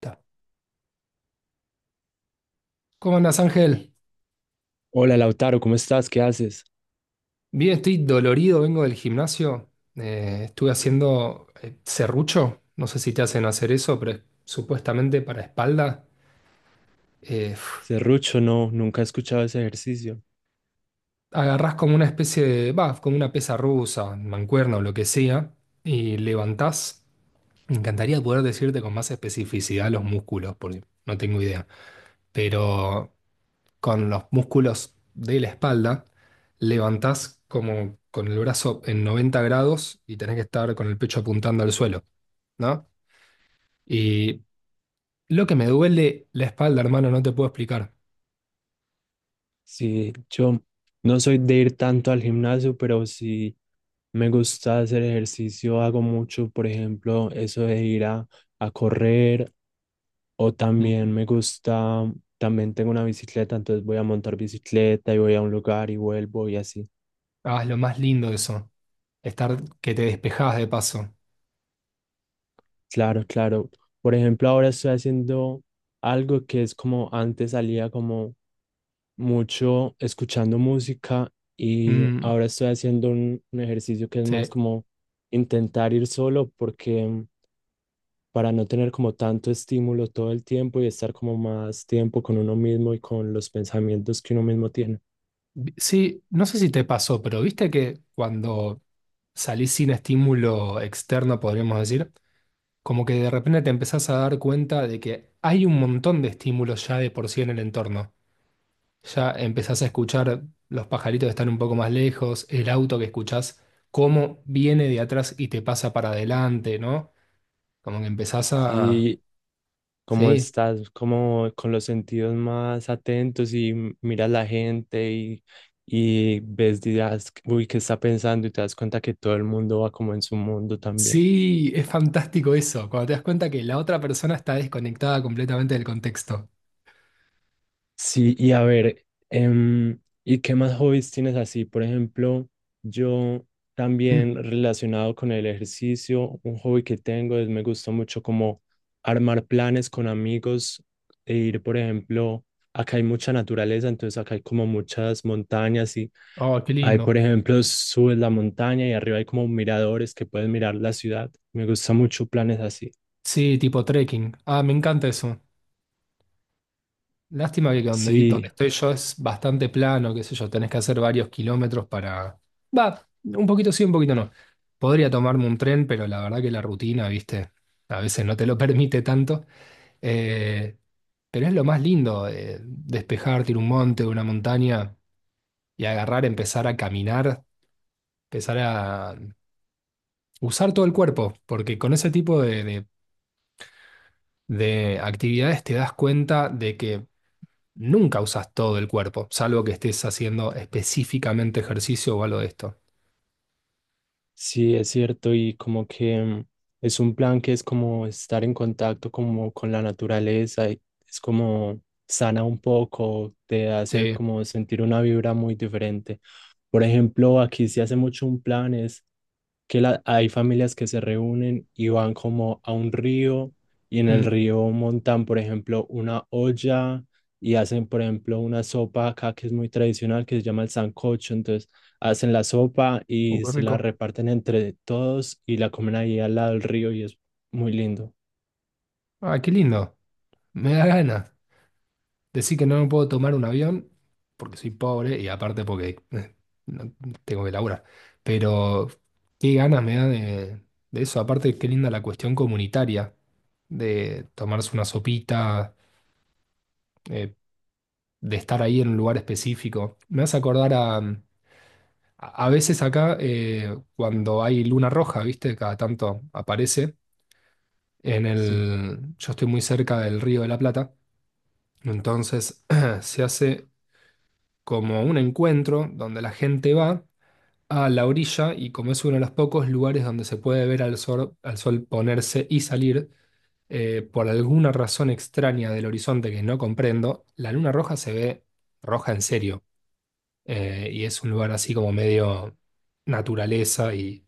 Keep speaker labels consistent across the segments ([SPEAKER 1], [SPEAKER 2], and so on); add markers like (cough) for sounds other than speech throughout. [SPEAKER 1] Ta. ¿Cómo andas, Ángel?
[SPEAKER 2] Hola Lautaro, ¿cómo estás? ¿Qué haces?
[SPEAKER 1] Bien, estoy dolorido, vengo del gimnasio. Estuve haciendo serrucho, no sé si te hacen hacer eso, pero es supuestamente para espalda. Eh, f-
[SPEAKER 2] Serrucho, no, nunca he escuchado ese ejercicio.
[SPEAKER 1] Agarrás como una especie de, va, como una pesa rusa, mancuerna o lo que sea, y levantás. Me encantaría poder decirte con más especificidad los músculos, porque no tengo idea. Pero con los músculos de la espalda, levantás como con el brazo en 90 grados y tenés que estar con el pecho apuntando al suelo, ¿no? Y lo que me duele la espalda, hermano, no te puedo explicar.
[SPEAKER 2] Sí, yo no soy de ir tanto al gimnasio, pero sí me gusta hacer ejercicio, hago mucho, por ejemplo, eso de ir a correr o
[SPEAKER 1] Mm.
[SPEAKER 2] también me gusta, también tengo una bicicleta, entonces voy a montar bicicleta y voy a un lugar y vuelvo y así.
[SPEAKER 1] Ah, es lo más lindo de eso, estar que te despejás de paso.
[SPEAKER 2] Claro, claro. Por ejemplo, ahora estoy haciendo algo que es como antes salía como mucho escuchando música y
[SPEAKER 1] Mm,
[SPEAKER 2] ahora estoy haciendo un ejercicio que es más
[SPEAKER 1] sí.
[SPEAKER 2] como intentar ir solo porque para no tener como tanto estímulo todo el tiempo y estar como más tiempo con uno mismo y con los pensamientos que uno mismo tiene.
[SPEAKER 1] Sí, no sé si te pasó, pero viste que cuando salís sin estímulo externo, podríamos decir, como que de repente te empezás a dar cuenta de que hay un montón de estímulos ya de por sí en el entorno. Ya empezás a escuchar los pajaritos que están un poco más lejos, el auto que escuchás, cómo viene de atrás y te pasa para adelante, ¿no? Como que empezás a...
[SPEAKER 2] Sí, como
[SPEAKER 1] Sí,
[SPEAKER 2] estás como con los sentidos más atentos y miras la gente y ves, dirás, uy, ¿qué está pensando? Y te das cuenta que todo el mundo va como en su mundo también.
[SPEAKER 1] sí, es fantástico eso, cuando te das cuenta que la otra persona está desconectada completamente del contexto.
[SPEAKER 2] Sí, y a ver, ¿y qué más hobbies tienes así? Por ejemplo, yo
[SPEAKER 1] Mm.
[SPEAKER 2] también relacionado con el ejercicio, un hobby que tengo es me gusta mucho como armar planes con amigos e ir, por ejemplo, acá hay mucha naturaleza, entonces acá hay como muchas montañas y
[SPEAKER 1] Oh, qué
[SPEAKER 2] hay, por
[SPEAKER 1] lindo.
[SPEAKER 2] ejemplo, subes la montaña y arriba hay como miradores que puedes mirar la ciudad. Me gusta mucho planes así.
[SPEAKER 1] Sí, tipo trekking. Ah, me encanta eso. Lástima que donde, donde
[SPEAKER 2] Sí,
[SPEAKER 1] estoy yo es bastante plano, qué sé yo, tenés que hacer varios kilómetros para... Va, un poquito sí, un poquito no. Podría tomarme un tren, pero la verdad que la rutina, viste, a veces no te lo (laughs) permite tanto. Eh, pero es lo más lindo, despejarte, ir a un monte, una montaña y agarrar, empezar a caminar, empezar a usar todo el cuerpo, porque con ese tipo de actividades te das cuenta de que nunca usas todo el cuerpo, salvo que estés haciendo específicamente ejercicio o algo de esto.
[SPEAKER 2] sí, es cierto, y como que es un plan que es como estar en contacto como con la naturaleza, y es como sana un poco, te hace
[SPEAKER 1] Sí.
[SPEAKER 2] como sentir una vibra muy diferente. Por ejemplo, aquí se hace mucho un plan, es que hay familias que se reúnen y van como a un río y en el
[SPEAKER 1] Mm.
[SPEAKER 2] río montan, por ejemplo, una olla y hacen, por ejemplo, una sopa acá que es muy tradicional, que se llama el sancocho. Entonces hacen la sopa y
[SPEAKER 1] Qué
[SPEAKER 2] se la
[SPEAKER 1] rico.
[SPEAKER 2] reparten entre todos y la comen ahí al lado del río y es muy lindo.
[SPEAKER 1] Ah, qué lindo. Me da ganas. Decir que no me puedo tomar un avión porque soy pobre y aparte porque no- tengo que laburar. Pero qué ganas me da de eso. Aparte, qué linda la cuestión comunitaria de tomarse una sopita, eh, de estar ahí en un lugar específico. Me hace acordar a, a veces acá, cuando hay luna roja, ¿viste? Cada tanto aparece. En
[SPEAKER 2] Sí.
[SPEAKER 1] el, yo estoy muy cerca del Río de la Plata, entonces (clears throat) se hace como un encuentro donde la gente va a la orilla y como es uno de los pocos lugares donde se puede ver al sol ponerse y salir, por alguna razón extraña del horizonte que no comprendo, la luna roja se ve roja en serio. Eh, y es un lugar así como medio naturaleza y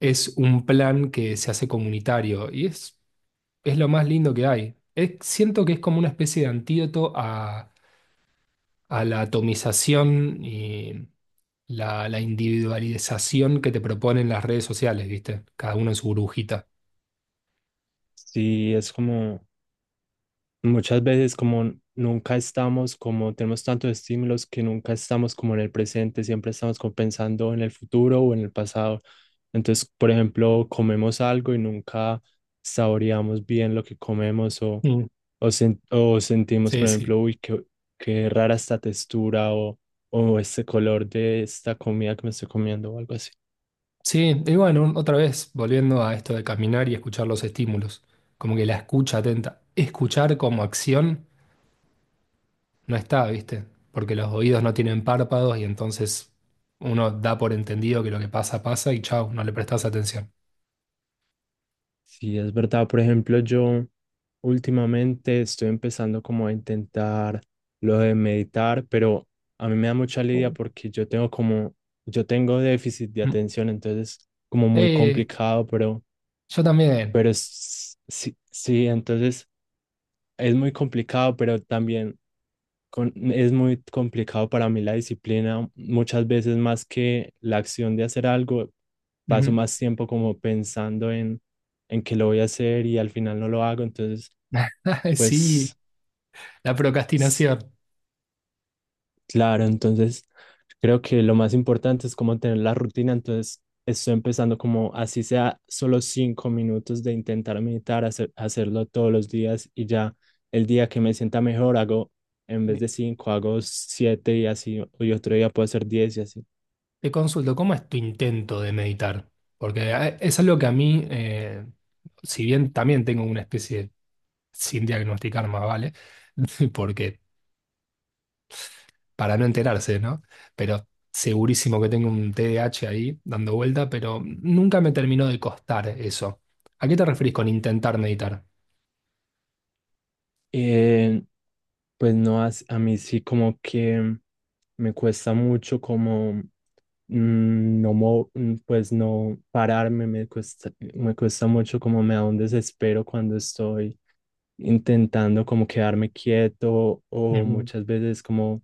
[SPEAKER 1] es un plan que se hace comunitario y es lo más lindo que hay. Siento que es como una especie de antídoto a la atomización y la individualización que te proponen las redes sociales, ¿viste? Cada uno en su burbujita.
[SPEAKER 2] Sí, es como... Muchas veces como nunca estamos, como tenemos tantos estímulos que nunca estamos como en el presente, siempre estamos como pensando en el futuro o en el pasado. Entonces, por ejemplo, comemos algo y nunca saboreamos bien lo que comemos
[SPEAKER 1] Mm.
[SPEAKER 2] o, o sentimos,
[SPEAKER 1] Sí,
[SPEAKER 2] por
[SPEAKER 1] sí.
[SPEAKER 2] ejemplo, uy, qué, qué rara esta textura o este color de esta comida que me estoy comiendo o algo así.
[SPEAKER 1] Sí, y bueno, otra vez, volviendo a esto de caminar y escuchar los estímulos, como que la escucha atenta, escuchar como acción no está, ¿viste? Porque los oídos no tienen párpados y entonces uno da por entendido que lo que pasa, pasa y chau, no le prestas atención.
[SPEAKER 2] Sí, es verdad. Por ejemplo, yo últimamente estoy empezando como a intentar lo de meditar, pero a mí me da mucha lidia
[SPEAKER 1] Uh.
[SPEAKER 2] porque yo tengo como, yo tengo déficit de
[SPEAKER 1] Mm.
[SPEAKER 2] atención, entonces como muy
[SPEAKER 1] Eh,
[SPEAKER 2] complicado,
[SPEAKER 1] yo también.
[SPEAKER 2] pero sí, sí, entonces es muy complicado, pero también es muy complicado para mí la disciplina. Muchas veces más que la acción de hacer algo, paso
[SPEAKER 1] Ujú.
[SPEAKER 2] más tiempo como pensando en que lo voy a hacer y al final no lo hago. Entonces,
[SPEAKER 1] (laughs) Sí,
[SPEAKER 2] pues
[SPEAKER 1] la procrastinación.
[SPEAKER 2] claro, entonces creo que lo más importante es como tener la rutina, entonces estoy empezando como así sea solo 5 minutos de intentar meditar, hacerlo todos los días y ya el día que me sienta mejor hago, en vez
[SPEAKER 1] Sí.
[SPEAKER 2] de cinco, hago siete y así, y otro día puedo hacer diez y así.
[SPEAKER 1] Te consulto, ¿cómo es tu intento de meditar? Porque es algo que a mí, si bien también tengo una especie de sin diagnosticar más, ¿vale? (laughs) Porque para no enterarse, ¿no? Pero segurísimo que tengo un T D A H ahí dando vuelta, pero nunca me terminó de costar eso. ¿A qué te referís con intentar meditar?
[SPEAKER 2] Eh, pues no, a mí sí como que me cuesta mucho como pues no pararme, me cuesta mucho, como me da un desespero cuando estoy intentando como quedarme quieto o
[SPEAKER 1] Ujú,
[SPEAKER 2] muchas veces como,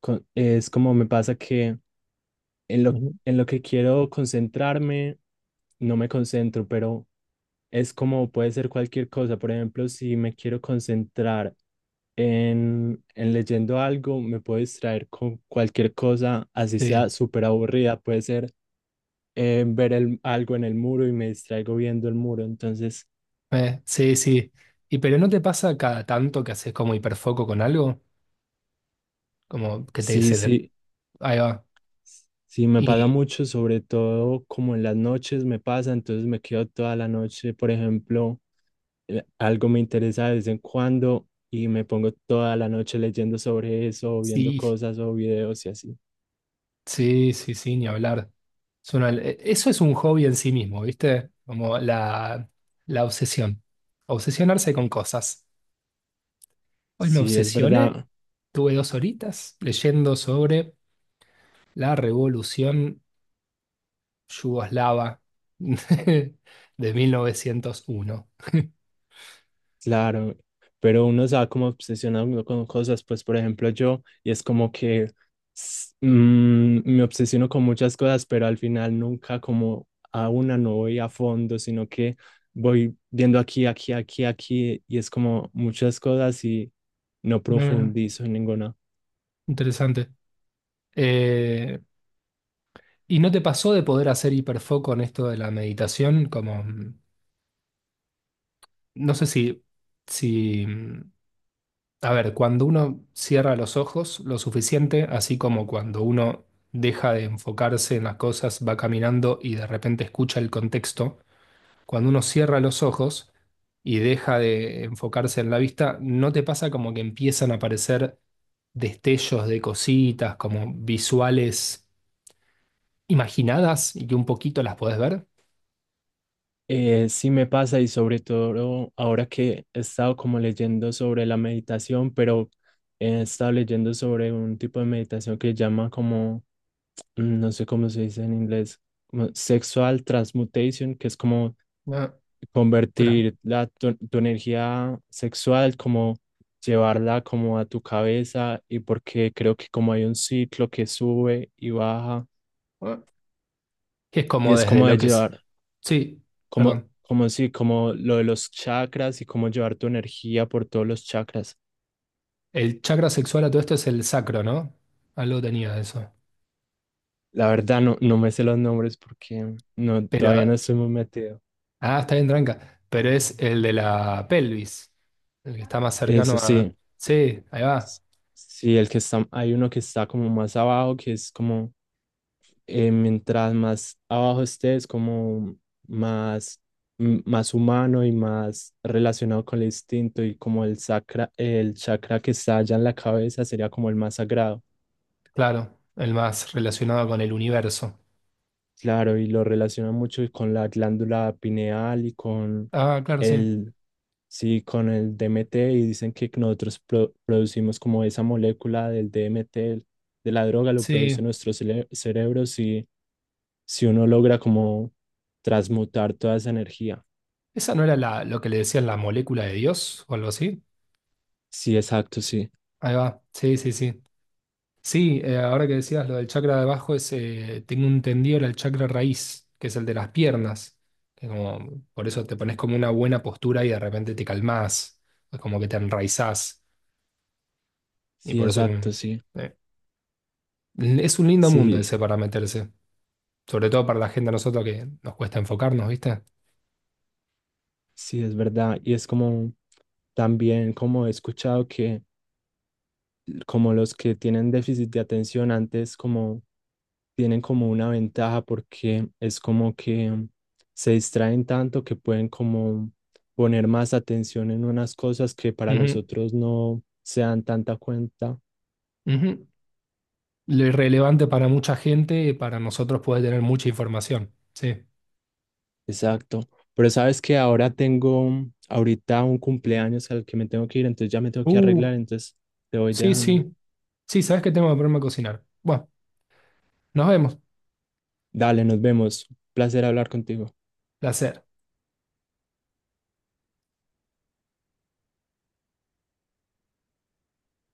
[SPEAKER 2] es como me pasa que en lo,
[SPEAKER 1] ujú.
[SPEAKER 2] en lo que quiero concentrarme, no me concentro, pero es como puede ser cualquier cosa. Por ejemplo, si me quiero concentrar en leyendo algo, me puedo distraer con cualquier cosa, así sea
[SPEAKER 1] Sí,
[SPEAKER 2] súper aburrida, puede ser ver algo en el muro y me distraigo viendo el muro. Entonces,
[SPEAKER 1] sí, sí. ¿Y pero no te pasa cada tanto que haces como hiperfoco con algo? Como que te
[SPEAKER 2] sí, sí,
[SPEAKER 1] ahí va.
[SPEAKER 2] sí, me pasa
[SPEAKER 1] Y
[SPEAKER 2] mucho, sobre todo como en las noches me pasa, entonces me quedo toda la noche, por ejemplo, algo me interesa de vez en cuando y me pongo toda la noche leyendo sobre eso, o viendo
[SPEAKER 1] sí,
[SPEAKER 2] cosas o videos y así.
[SPEAKER 1] sí, sí, sí, ni hablar. Eso es un hobby en sí mismo, ¿viste? Como la obsesión. Obsesionarse con cosas. Hoy me
[SPEAKER 2] Sí, es
[SPEAKER 1] obsesioné.
[SPEAKER 2] verdad.
[SPEAKER 1] Tuve dos horitas leyendo sobre la revolución yugoslava (laughs) de 1901.
[SPEAKER 2] Claro, pero uno se va como obsesionando con cosas, pues por ejemplo yo, y es como que me obsesiono con muchas cosas, pero al final nunca como a una no voy a fondo, sino que voy viendo aquí, aquí, aquí, aquí, y es como muchas cosas y no
[SPEAKER 1] No, no, no.
[SPEAKER 2] profundizo en ninguna.
[SPEAKER 1] Interesante. Eh, ¿Y no te pasó de poder hacer hiperfoco en esto de la meditación? Como, no sé si, si, a ver, cuando uno cierra los ojos lo suficiente, así como cuando uno deja de enfocarse en las cosas, va caminando y de repente escucha el contexto cuando uno cierra los ojos y deja de enfocarse en la vista, ¿no te pasa como que empiezan a aparecer destellos de cositas, como visuales imaginadas y que un poquito las podés ver?
[SPEAKER 2] Sí me pasa y sobre todo ahora que he estado como leyendo sobre la meditación, pero he estado leyendo sobre un tipo de meditación que llama como no sé cómo se dice en inglés, como sexual transmutation, que es como
[SPEAKER 1] Ah. Otra-
[SPEAKER 2] convertir tu energía sexual, como llevarla como a tu cabeza y porque creo que como hay un ciclo que sube y baja
[SPEAKER 1] ah, que es
[SPEAKER 2] y
[SPEAKER 1] como
[SPEAKER 2] es
[SPEAKER 1] desde
[SPEAKER 2] como
[SPEAKER 1] lo
[SPEAKER 2] de
[SPEAKER 1] que es...
[SPEAKER 2] llevar,
[SPEAKER 1] Sí, perdón.
[SPEAKER 2] como sí, como lo de los chakras y como llevar tu energía por todos los chakras.
[SPEAKER 1] El chakra sexual a todo esto es el sacro, ¿no? Algo tenía de eso.
[SPEAKER 2] La verdad no, no me sé los nombres porque no, todavía
[SPEAKER 1] Pero...
[SPEAKER 2] no estoy muy metido.
[SPEAKER 1] Ah, está bien, tranca. Pero es el de la pelvis, el que está más cercano
[SPEAKER 2] Eso
[SPEAKER 1] a...
[SPEAKER 2] sí.
[SPEAKER 1] Sí, ahí va.
[SPEAKER 2] Sí, el que está, hay uno que está como más abajo, que es como mientras más abajo estés, como más, más humano y más relacionado con el instinto y como el sacra, el chakra que está allá en la cabeza sería como el más sagrado.
[SPEAKER 1] Claro, el más relacionado con el universo.
[SPEAKER 2] Claro, y lo relaciona mucho con la glándula pineal y con
[SPEAKER 1] Ah, claro, sí.
[SPEAKER 2] el, sí, con el DMT y dicen que nosotros producimos como esa molécula del DMT, de la droga, lo
[SPEAKER 1] Sí.
[SPEAKER 2] produce nuestro cerebro si, si uno logra como transmutar toda esa energía.
[SPEAKER 1] ¿Esa no era la, lo que le decían la molécula de Dios o algo así?
[SPEAKER 2] Sí, exacto, sí.
[SPEAKER 1] Ahí va. Sí, sí, sí. Sí, ahora que decías lo del chakra de abajo, es, tengo entendido era el chakra raíz, que es el de las piernas. Que como, por eso te pones como una buena postura y de repente te calmás, es como que te enraizás. Y
[SPEAKER 2] Sí,
[SPEAKER 1] por eso
[SPEAKER 2] exacto,
[SPEAKER 1] que,
[SPEAKER 2] sí.
[SPEAKER 1] eh, es un lindo mundo
[SPEAKER 2] Sí,
[SPEAKER 1] ese para meterse. Sobre todo para la gente a nosotros que nos cuesta enfocarnos, ¿viste?
[SPEAKER 2] sí, es verdad. Y es como, también como he escuchado que como los que tienen déficit de atención antes, como tienen como una ventaja porque es como que se distraen tanto que pueden como poner más atención en unas cosas que para los
[SPEAKER 1] Ujú,
[SPEAKER 2] otros no se dan tanta cuenta.
[SPEAKER 1] ujú. Lo irrelevante para mucha gente, para nosotros puede tener mucha información. Sí.
[SPEAKER 2] Exacto. Pero sabes que ahora tengo ahorita un cumpleaños al que me tengo que ir, entonces ya me tengo que
[SPEAKER 1] Uh,
[SPEAKER 2] arreglar, entonces te voy
[SPEAKER 1] sí,
[SPEAKER 2] dejando.
[SPEAKER 1] sí. Sí, sabes que tengo que ponerme a cocinar. Bueno, nos vemos.
[SPEAKER 2] Dale, nos vemos. Placer hablar contigo.
[SPEAKER 1] Placer.